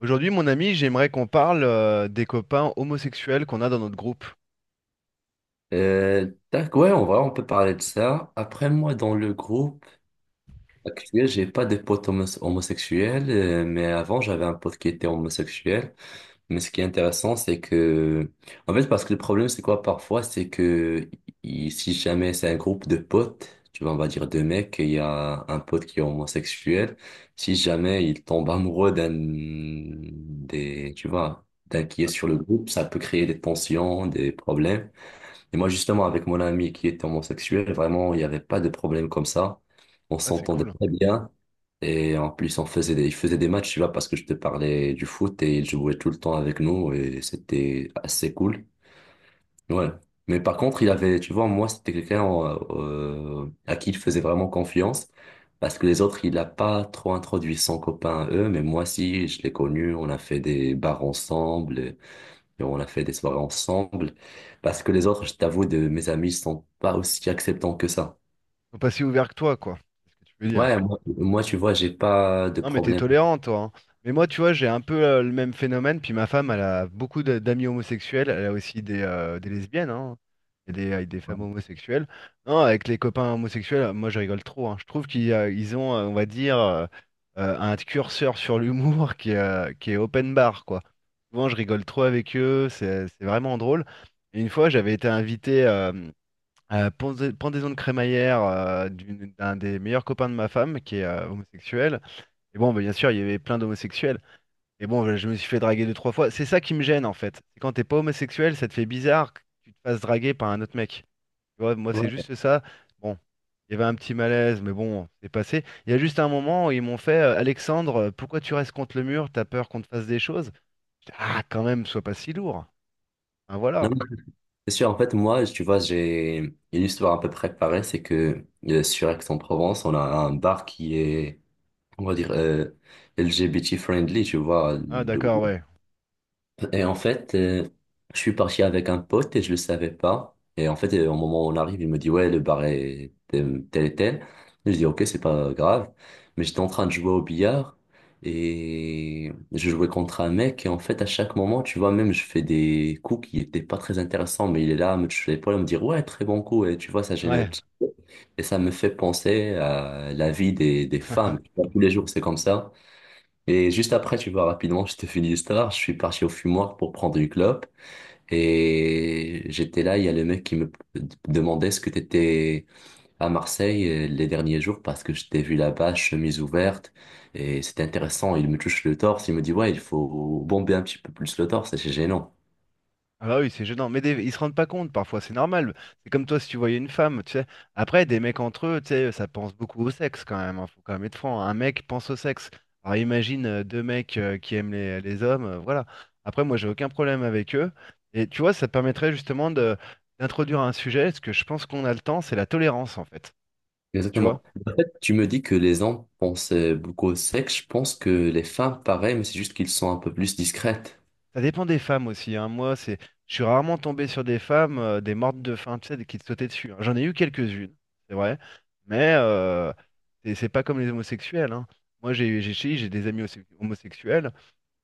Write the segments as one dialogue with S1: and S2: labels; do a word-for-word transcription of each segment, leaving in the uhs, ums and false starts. S1: Aujourd'hui, mon ami, j'aimerais qu'on parle euh, des copains homosexuels qu'on a dans notre groupe.
S2: Euh, tac, ouais, en vrai, on peut parler de ça. Après, moi, dans le groupe actuel, j'ai pas de potes homos- homosexuels, euh, mais avant, j'avais un pote qui était homosexuel. Mais ce qui est intéressant, c'est que, en fait, parce que le problème, c'est quoi parfois, c'est que i- si jamais c'est un groupe de potes, tu vois, on va dire deux mecs, et il y a un pote qui est homosexuel, si jamais il tombe amoureux d'un des, tu vois, d'un qui est sur le groupe, ça peut créer des tensions, des problèmes. Et moi, justement, avec mon ami qui était homosexuel, vraiment, il n'y avait pas de problème comme ça. On
S1: Ah, c'est
S2: s'entendait
S1: cool. Ils
S2: très bien. Et en plus, on faisait des, il faisait des matchs, tu vois, parce que je te parlais du foot et il jouait tout le temps avec nous et c'était assez cool. Ouais. Mais par contre, il avait, tu vois, moi, c'était quelqu'un euh, euh, à qui il faisait vraiment confiance parce que les autres, il n'a pas trop introduit son copain à eux, mais moi, si, je l'ai connu, on a fait des bars ensemble. Et on a fait des soirées ensemble. Parce que les autres, je t'avoue, de mes amis, sont pas aussi acceptants que ça.
S1: sont pas si ouverts que toi, quoi. C'est ce que tu veux dire.
S2: Ouais, moi, moi, tu vois, j'ai pas de
S1: Non, mais t'es
S2: problème.
S1: tolérant, toi, hein. Mais moi, tu vois, j'ai un peu euh, le même phénomène. Puis ma femme, elle a beaucoup de- d'amis homosexuels. Elle a aussi des, euh, des lesbiennes, hein, et des, et des femmes homosexuelles. Non, avec les copains homosexuels, moi, je rigole trop, hein. Je trouve qu'ils euh, ils ont, euh, on va dire, euh, euh, un curseur sur l'humour qui est, euh, qui est open bar, quoi. Souvent, je rigole trop avec eux. C'est c'est vraiment drôle. Et une fois, j'avais été invité euh, à la pendaison de crémaillère euh, d'une- d'un des meilleurs copains de ma femme, qui est euh, homosexuel. Et bon, bah, bien sûr, il y avait plein d'homosexuels. Et bon, bah, je me suis fait draguer deux, trois fois. C'est ça qui me gêne, en fait. C'est quand t'es pas homosexuel, ça te fait bizarre que tu te fasses draguer par un autre mec. Tu vois, moi, c'est
S2: Ouais.
S1: juste ça. Bon, il y avait un petit malaise, mais bon, c'est passé. Il y a juste un moment où ils m'ont fait, euh, Alexandre, euh, pourquoi tu restes contre le mur? T'as peur qu'on te fasse des choses? J'étais, ah, quand même, sois pas si lourd. Hein,
S2: Non,
S1: voilà.
S2: non, c'est sûr. En fait, moi, tu vois, j'ai une histoire à peu près pareille. C'est que euh, sur Aix-en-Provence, on a un bar qui est, on va dire, euh, L G B T friendly, tu vois.
S1: Ah, d'accord, ouais.
S2: Et en fait, euh, je suis parti avec un pote et je le savais pas. Et en fait, euh, au moment où on arrive, il me dit, ouais, le bar est tel, tel et tel. Et Je dis, ok, c'est pas grave. Mais j'étais en train de jouer au billard et je jouais contre un mec. Et en fait, à chaque moment, tu vois, même je fais des coups qui étaient pas très intéressants, mais il est là à me toucher l'épaule, à me dire, ouais, très bon coup. Et tu vois, ça gêne un
S1: Ouais.
S2: petit peu. Et ça me fait penser à la vie des, des femmes. Tu vois, Tous les jours, c'est comme ça. Et juste après, tu vois, rapidement, je te fais l'histoire. Je suis parti au fumoir pour prendre une clope. Et j'étais là, il y a le mec qui me demandait ce que t'étais à Marseille euh, les derniers jours parce que je t'ai vu là-bas, chemise ouverte. Et c'était intéressant. Il me touche le torse. Il me dit, ouais, il faut bomber un petit peu plus le torse. C'est gênant.
S1: Ah bah oui, c'est gênant. Mais des- ils se rendent pas compte, parfois, c'est normal. C'est comme toi si tu voyais une femme, tu sais. Après, des mecs entre eux, tu sais, ça pense beaucoup au sexe quand même, hein. Faut quand même être franc, hein. Un mec pense au sexe. Alors imagine euh, deux mecs euh, qui aiment les, les hommes, euh, voilà. Après, moi, j'ai aucun problème avec eux. Et tu vois, ça te permettrait justement de d'introduire un sujet, ce que je pense qu'on a le temps, c'est la tolérance, en fait. Tu vois?
S2: Exactement. Tu me dis que les hommes pensent euh, beaucoup au sexe. Je pense que les femmes, pareil, mais c'est juste qu'ils sont un peu plus discrètes.
S1: Ça dépend des femmes aussi, hein. Moi, c'est, je suis rarement tombé sur des femmes, euh, des mortes de faim, tu sais, qui te sautaient dessus, hein. J'en ai eu quelques-unes, c'est vrai, mais euh, c'est c'est pas comme les homosexuels, hein. Moi, j'ai j'ai j'ai- chez- j'ai des amis homo- homosexuels.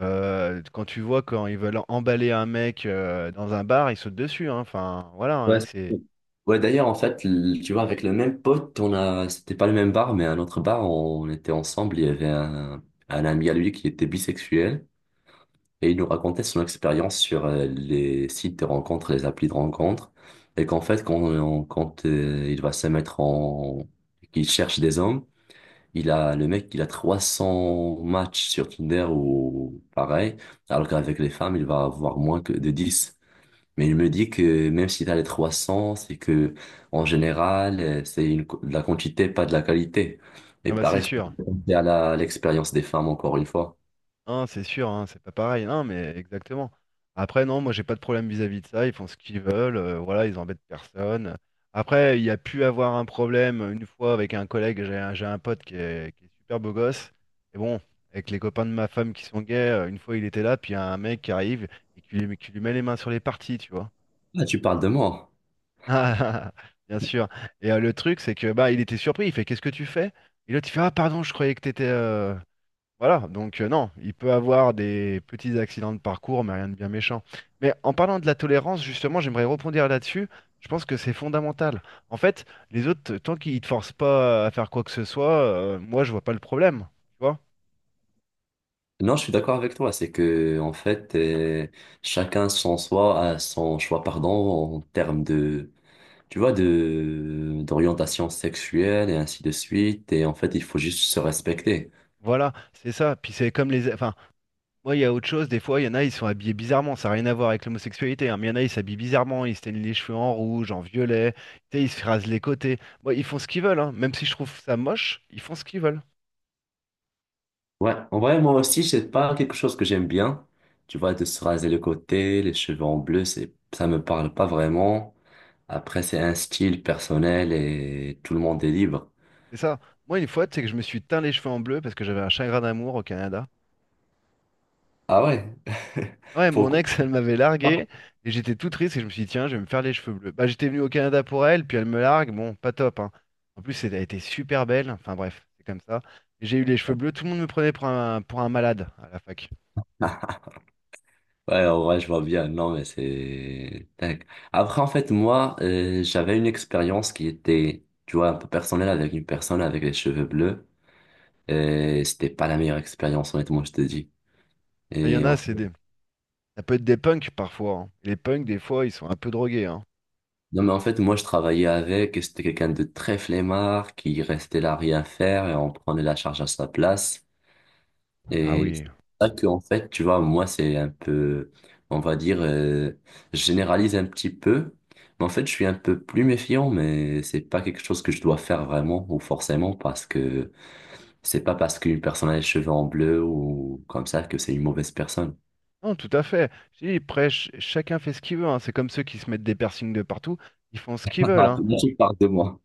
S1: Euh, quand tu vois quand ils veulent emballer un mec euh, dans un bar, ils sautent dessus, hein. Enfin, voilà,
S2: Ouais,
S1: hein,
S2: c'est
S1: c'est
S2: cool. Ouais, d'ailleurs, en fait, l- tu vois, avec le même pote, on a, c'était pas le même bar, mais un autre bar, on était ensemble, il y avait un, un ami à lui qui était bisexuel, et il nous racontait son expérience sur euh, les sites de rencontres, les applis de rencontres, et qu'en fait, quand, on- quand euh, il va se mettre en, qu'il cherche des hommes, il a, le mec, il a trois cents matchs sur Tinder ou pareil, alors qu'avec les femmes, il va avoir moins que de dix, mais je me dis que même si tu as les trois cents, c'est que en général, euh, c'est une, co- de la quantité, pas de la qualité.
S1: ah
S2: Et
S1: bah, c'est
S2: pareil,
S1: sûr.
S2: c'est à la- à l'expérience des femmes, encore une fois.
S1: Hein, c'est sûr, hein, c'est pas pareil. Non, mais exactement. Après, non, moi, j'ai pas de problème vis-à-vis de ça. Ils font ce qu'ils veulent, euh, voilà, ils embêtent personne. Après, il y a pu avoir un problème une fois avec un collègue. J'ai un, j'ai un pote qui est, qui est super beau gosse. Et bon, avec les copains de ma femme qui sont gays, euh, une fois il était là, puis il y a un mec qui arrive et qui lui, qui lui met les mains sur les parties, tu vois.
S2: Ah, tu parles de moi.
S1: Ah, bien sûr. Et euh, le truc, c'est que bah, il était surpris. Il fait, qu'est-ce que tu fais? Et l'autre, il fait, ah, pardon, je croyais que t'étais, euh, voilà, donc euh, non, il peut avoir des petits accidents de parcours, mais rien de bien méchant. Mais en parlant de la tolérance, justement, j'aimerais rebondir là-dessus. Je pense que c'est fondamental. En fait, les autres, tant qu'ils ne te forcent pas à faire quoi que ce soit, euh, moi, je vois pas le problème. Tu vois?
S2: Non, je suis d'accord avec toi. C'est que, en fait, euh, chacun son soi, a son choix, pardon, en termes de, tu vois, de, d'orientation sexuelle et ainsi de suite. Et en fait, il faut juste se respecter.
S1: Voilà, c'est ça. Puis c'est comme les... Enfin, moi, il y a autre chose. Des fois, il y en a, ils sont habillés bizarrement. Ça n'a rien à voir avec l'homosexualité, hein, mais il y en a, ils s'habillent bizarrement. Ils se teignent les cheveux en rouge, en violet. Tu sais, ils se rasent les côtés. Moi, ils font ce qu'ils veulent, hein. Même si je trouve ça moche, ils font ce qu'ils veulent.
S2: Ouais, en vrai, moi aussi, c'est pas quelque chose que j'aime bien. Tu vois, de se raser le côté, les cheveux en bleu, c'est, ça me parle pas vraiment. Après, c'est un style personnel et tout le monde est libre.
S1: C'est ça. Moi, une fois, c'est que je me suis teint les cheveux en bleu parce que j'avais un chagrin d'amour au Canada.
S2: Ah ouais?
S1: Ouais, mon
S2: Pourquoi
S1: ex, elle m'avait
S2: pas?
S1: largué et j'étais tout triste et je me suis dit, tiens, je vais me faire les cheveux bleus. Bah, j'étais venu au Canada pour elle, puis elle me largue. Bon, pas top, hein. En plus, elle a été super belle. Enfin, bref, c'est comme ça. Et j'ai eu les cheveux bleus, tout le monde me prenait pour un, pour un malade à la fac.
S2: Ouais, en vrai, je vois bien. Non, mais c'est tac. Après, en fait, moi, euh, j'avais une expérience qui était, tu vois, un peu personnelle avec une personne avec les cheveux bleus. Et c'était pas la meilleure expérience, honnêtement, je te dis.
S1: Enfin, il y en
S2: Et
S1: a,
S2: en fait,
S1: c'est des... Ça peut être des punks parfois, hein. Les punks, des fois, ils sont un peu drogués, hein.
S2: non, mais en fait, moi, je travaillais avec, et c'était quelqu'un de très flemmard qui restait là à rien faire et on prenait la charge à sa place.
S1: Ah
S2: Et c'est
S1: oui.
S2: pour ça que, en fait, tu vois, moi, c'est un peu, on va dire, euh, je généralise un petit peu, mais en fait, je suis un peu plus méfiant, mais c'est pas quelque chose que je dois faire vraiment ou forcément parce que c'est pas parce qu'une personne a les cheveux en bleu ou comme ça que c'est une mauvaise personne.
S1: Non, tout à fait. Je dis, après, ch- chacun fait ce qu'il veut, hein. C'est comme ceux qui se mettent des piercings de partout. Ils font ce qu'ils veulent,
S2: Ah,
S1: hein.
S2: tout le monde parle de moi.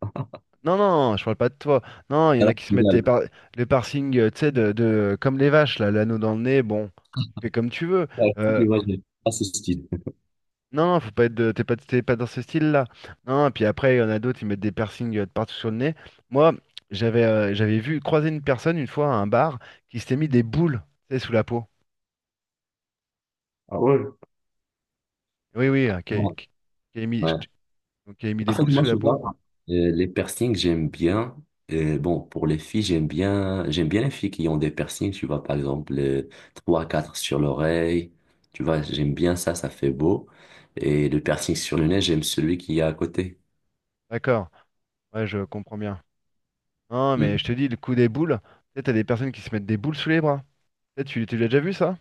S1: Non, non, je parle pas de toi. Non, il y en a
S2: Voilà,
S1: qui se mettent des
S2: génial.
S1: par- le parsing, euh, tu sais, de, de- comme les vaches, là, l'anneau dans le nez, bon, tu fais comme tu veux.
S2: Ah, si
S1: Euh,
S2: tu vois, j'ai pas ce style.
S1: non, non, faut pas être de- t'es pas, t'es pas dans ce style-là. Non, puis après, il y en a d'autres, ils mettent des piercings euh, de partout sur le nez. Moi, j'avais euh, j'avais vu croiser une personne une fois à un bar qui s'était mis des boules, tu sais, sous la peau.
S2: Ah ouais?
S1: Oui, oui, euh, qui, a-
S2: Ouais.
S1: qui- qui a mis, je te- donc, qui a mis
S2: En
S1: des
S2: fait,
S1: boules
S2: moi,
S1: sous la
S2: souvent,
S1: peau.
S2: euh, les piercings, j'aime bien. Euh, bon, pour les filles, j'aime bien, j'aime bien les filles qui ont des piercings, tu vois, par exemple, euh, trois, quatre sur l'oreille. Tu vois, j'aime bien ça, ça fait beau. Et le piercing sur le nez, j'aime celui qui est à côté.
S1: D'accord, ouais, je comprends bien. Non, mais
S2: Mm.
S1: je te dis, le coup des boules, tu sais, t'as des personnes qui se mettent des boules sous les bras. Tu sais, tu tu l'as déjà vu, ça?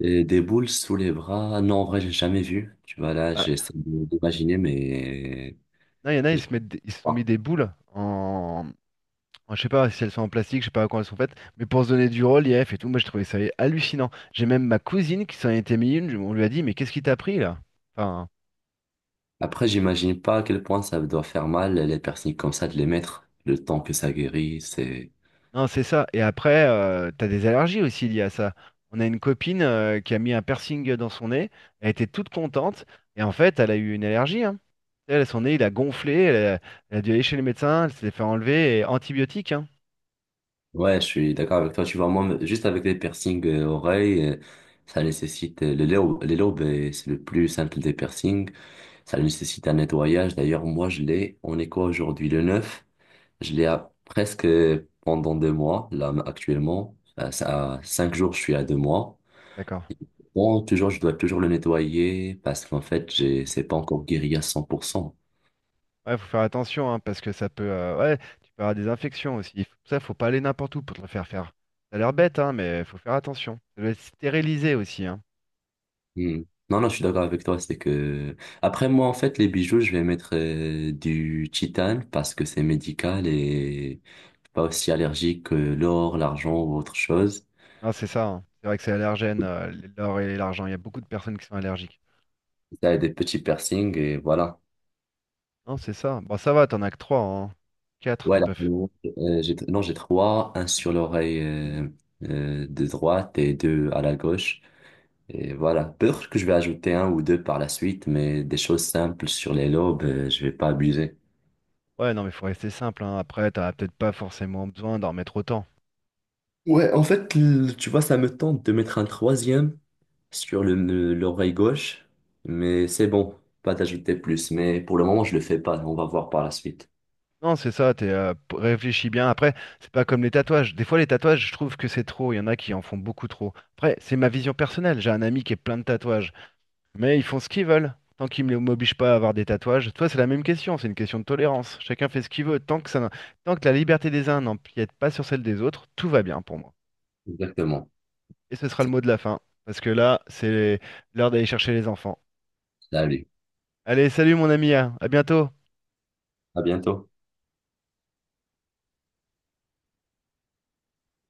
S2: Et des boules sous les bras, non, en vrai, j'ai jamais vu. Tu vois, là,
S1: Ah,
S2: j'essaie de- d'imaginer, mais
S1: non, il y en a,
S2: je
S1: ils
S2: sais
S1: se mettent, des- ils se sont mis
S2: pas.
S1: des boules en, en- je sais pas si elles sont en plastique, je sais pas comment elles sont faites, mais pour se donner du relief et tout, moi je trouvais ça hallucinant. J'ai même ma cousine qui s'en était mis une, je- on lui a dit, mais qu'est-ce qui t'a pris là? Enfin,
S2: Après, j'imagine pas à quel point ça doit faire mal, les piercings comme ça, de les mettre. Le temps que ça guérit, c'est…
S1: non, c'est ça. Et après, euh, t'as des allergies aussi liées à ça. On a une copine euh, qui a mis un piercing dans son nez, elle était toute contente, et en fait, elle a eu une allergie, hein. Elle, son nez, il a gonflé, elle a, elle a dû aller chez le médecin, elle s'est fait enlever, et antibiotiques, hein.
S2: Ouais, je suis d'accord avec toi. Tu vois, moi, juste avec les piercings euh, oreilles, euh, ça nécessite euh, les lobes, les lobes, euh, c'est le plus simple des piercings. Ça nécessite un nettoyage. D'ailleurs, moi, je l'ai. On est quoi aujourd'hui? Le neuf. Je l'ai à presque euh, pendant deux mois. Là, actuellement, à à cinq jours, je suis à deux mois.
S1: D'accord.
S2: Bon, toujours, je dois toujours le nettoyer parce qu'en fait, j'ai, c'est pas encore guéri à cent pour cent.
S1: Ouais, faut faire attention, hein, parce que ça peut, euh, ouais, tu peux avoir des infections aussi. faut- Ça, faut pas aller n'importe où pour te le faire faire. Ça a l'air bête, hein, mais faut faire attention. Ça doit être stérilisé aussi, hein.
S2: Hmm. Non, non, je suis d'accord avec toi. C'est que après moi, en fait, les bijoux, je vais mettre euh, du titane parce que c'est médical et pas aussi allergique que l'or, l'argent ou autre chose.
S1: Non, c'est ça, hein. C'est vrai que c'est allergène, euh, l'or et l'argent. Il y a beaucoup de personnes qui sont allergiques.
S2: Ça a des petits piercings et voilà.
S1: Non, c'est ça. Bon, ça va, t'en as que trois hein. quatre, t'as
S2: Ouais, là,
S1: pas fait.
S2: euh, j'ai, non, j'ai trois, un sur l'oreille euh, euh, de droite et deux à la gauche. Et voilà. Peut-être que je vais ajouter un ou deux par la suite, mais des choses simples sur les lobes, euh, je vais pas abuser.
S1: Ouais, non, mais faut rester simple, hein. Après, t'as peut-être pas forcément besoin d'en mettre autant.
S2: Ouais, en fait, l- tu vois, ça me tente de mettre un troisième sur le, le- l'oreille gauche, mais c'est bon, pas d'ajouter plus. Mais pour le moment, je le fais pas. On va voir par la suite.
S1: Non, c'est ça, t'es, euh, p- réfléchis bien. Après, c'est pas comme les tatouages. Des fois, les tatouages, je trouve que c'est trop. Il y en a qui en font beaucoup trop. Après, c'est ma vision personnelle. J'ai un ami qui est plein de tatouages. Mais ils font ce qu'ils veulent. Tant qu'ils ne m'obligent pas à avoir des tatouages. Toi, c'est la même question. C'est une question de tolérance. Chacun fait ce qu'il veut. Tant que ça, n'en- tant que la liberté des uns n'empiète pas sur celle des autres, tout va bien pour moi.
S2: Exactement.
S1: Et ce sera le
S2: C'est-
S1: mot de la fin. Parce que là, c'est l'heure d'aller chercher les enfants.
S2: Salut.
S1: Allez, salut mon ami, hein. À bientôt.
S2: À bientôt.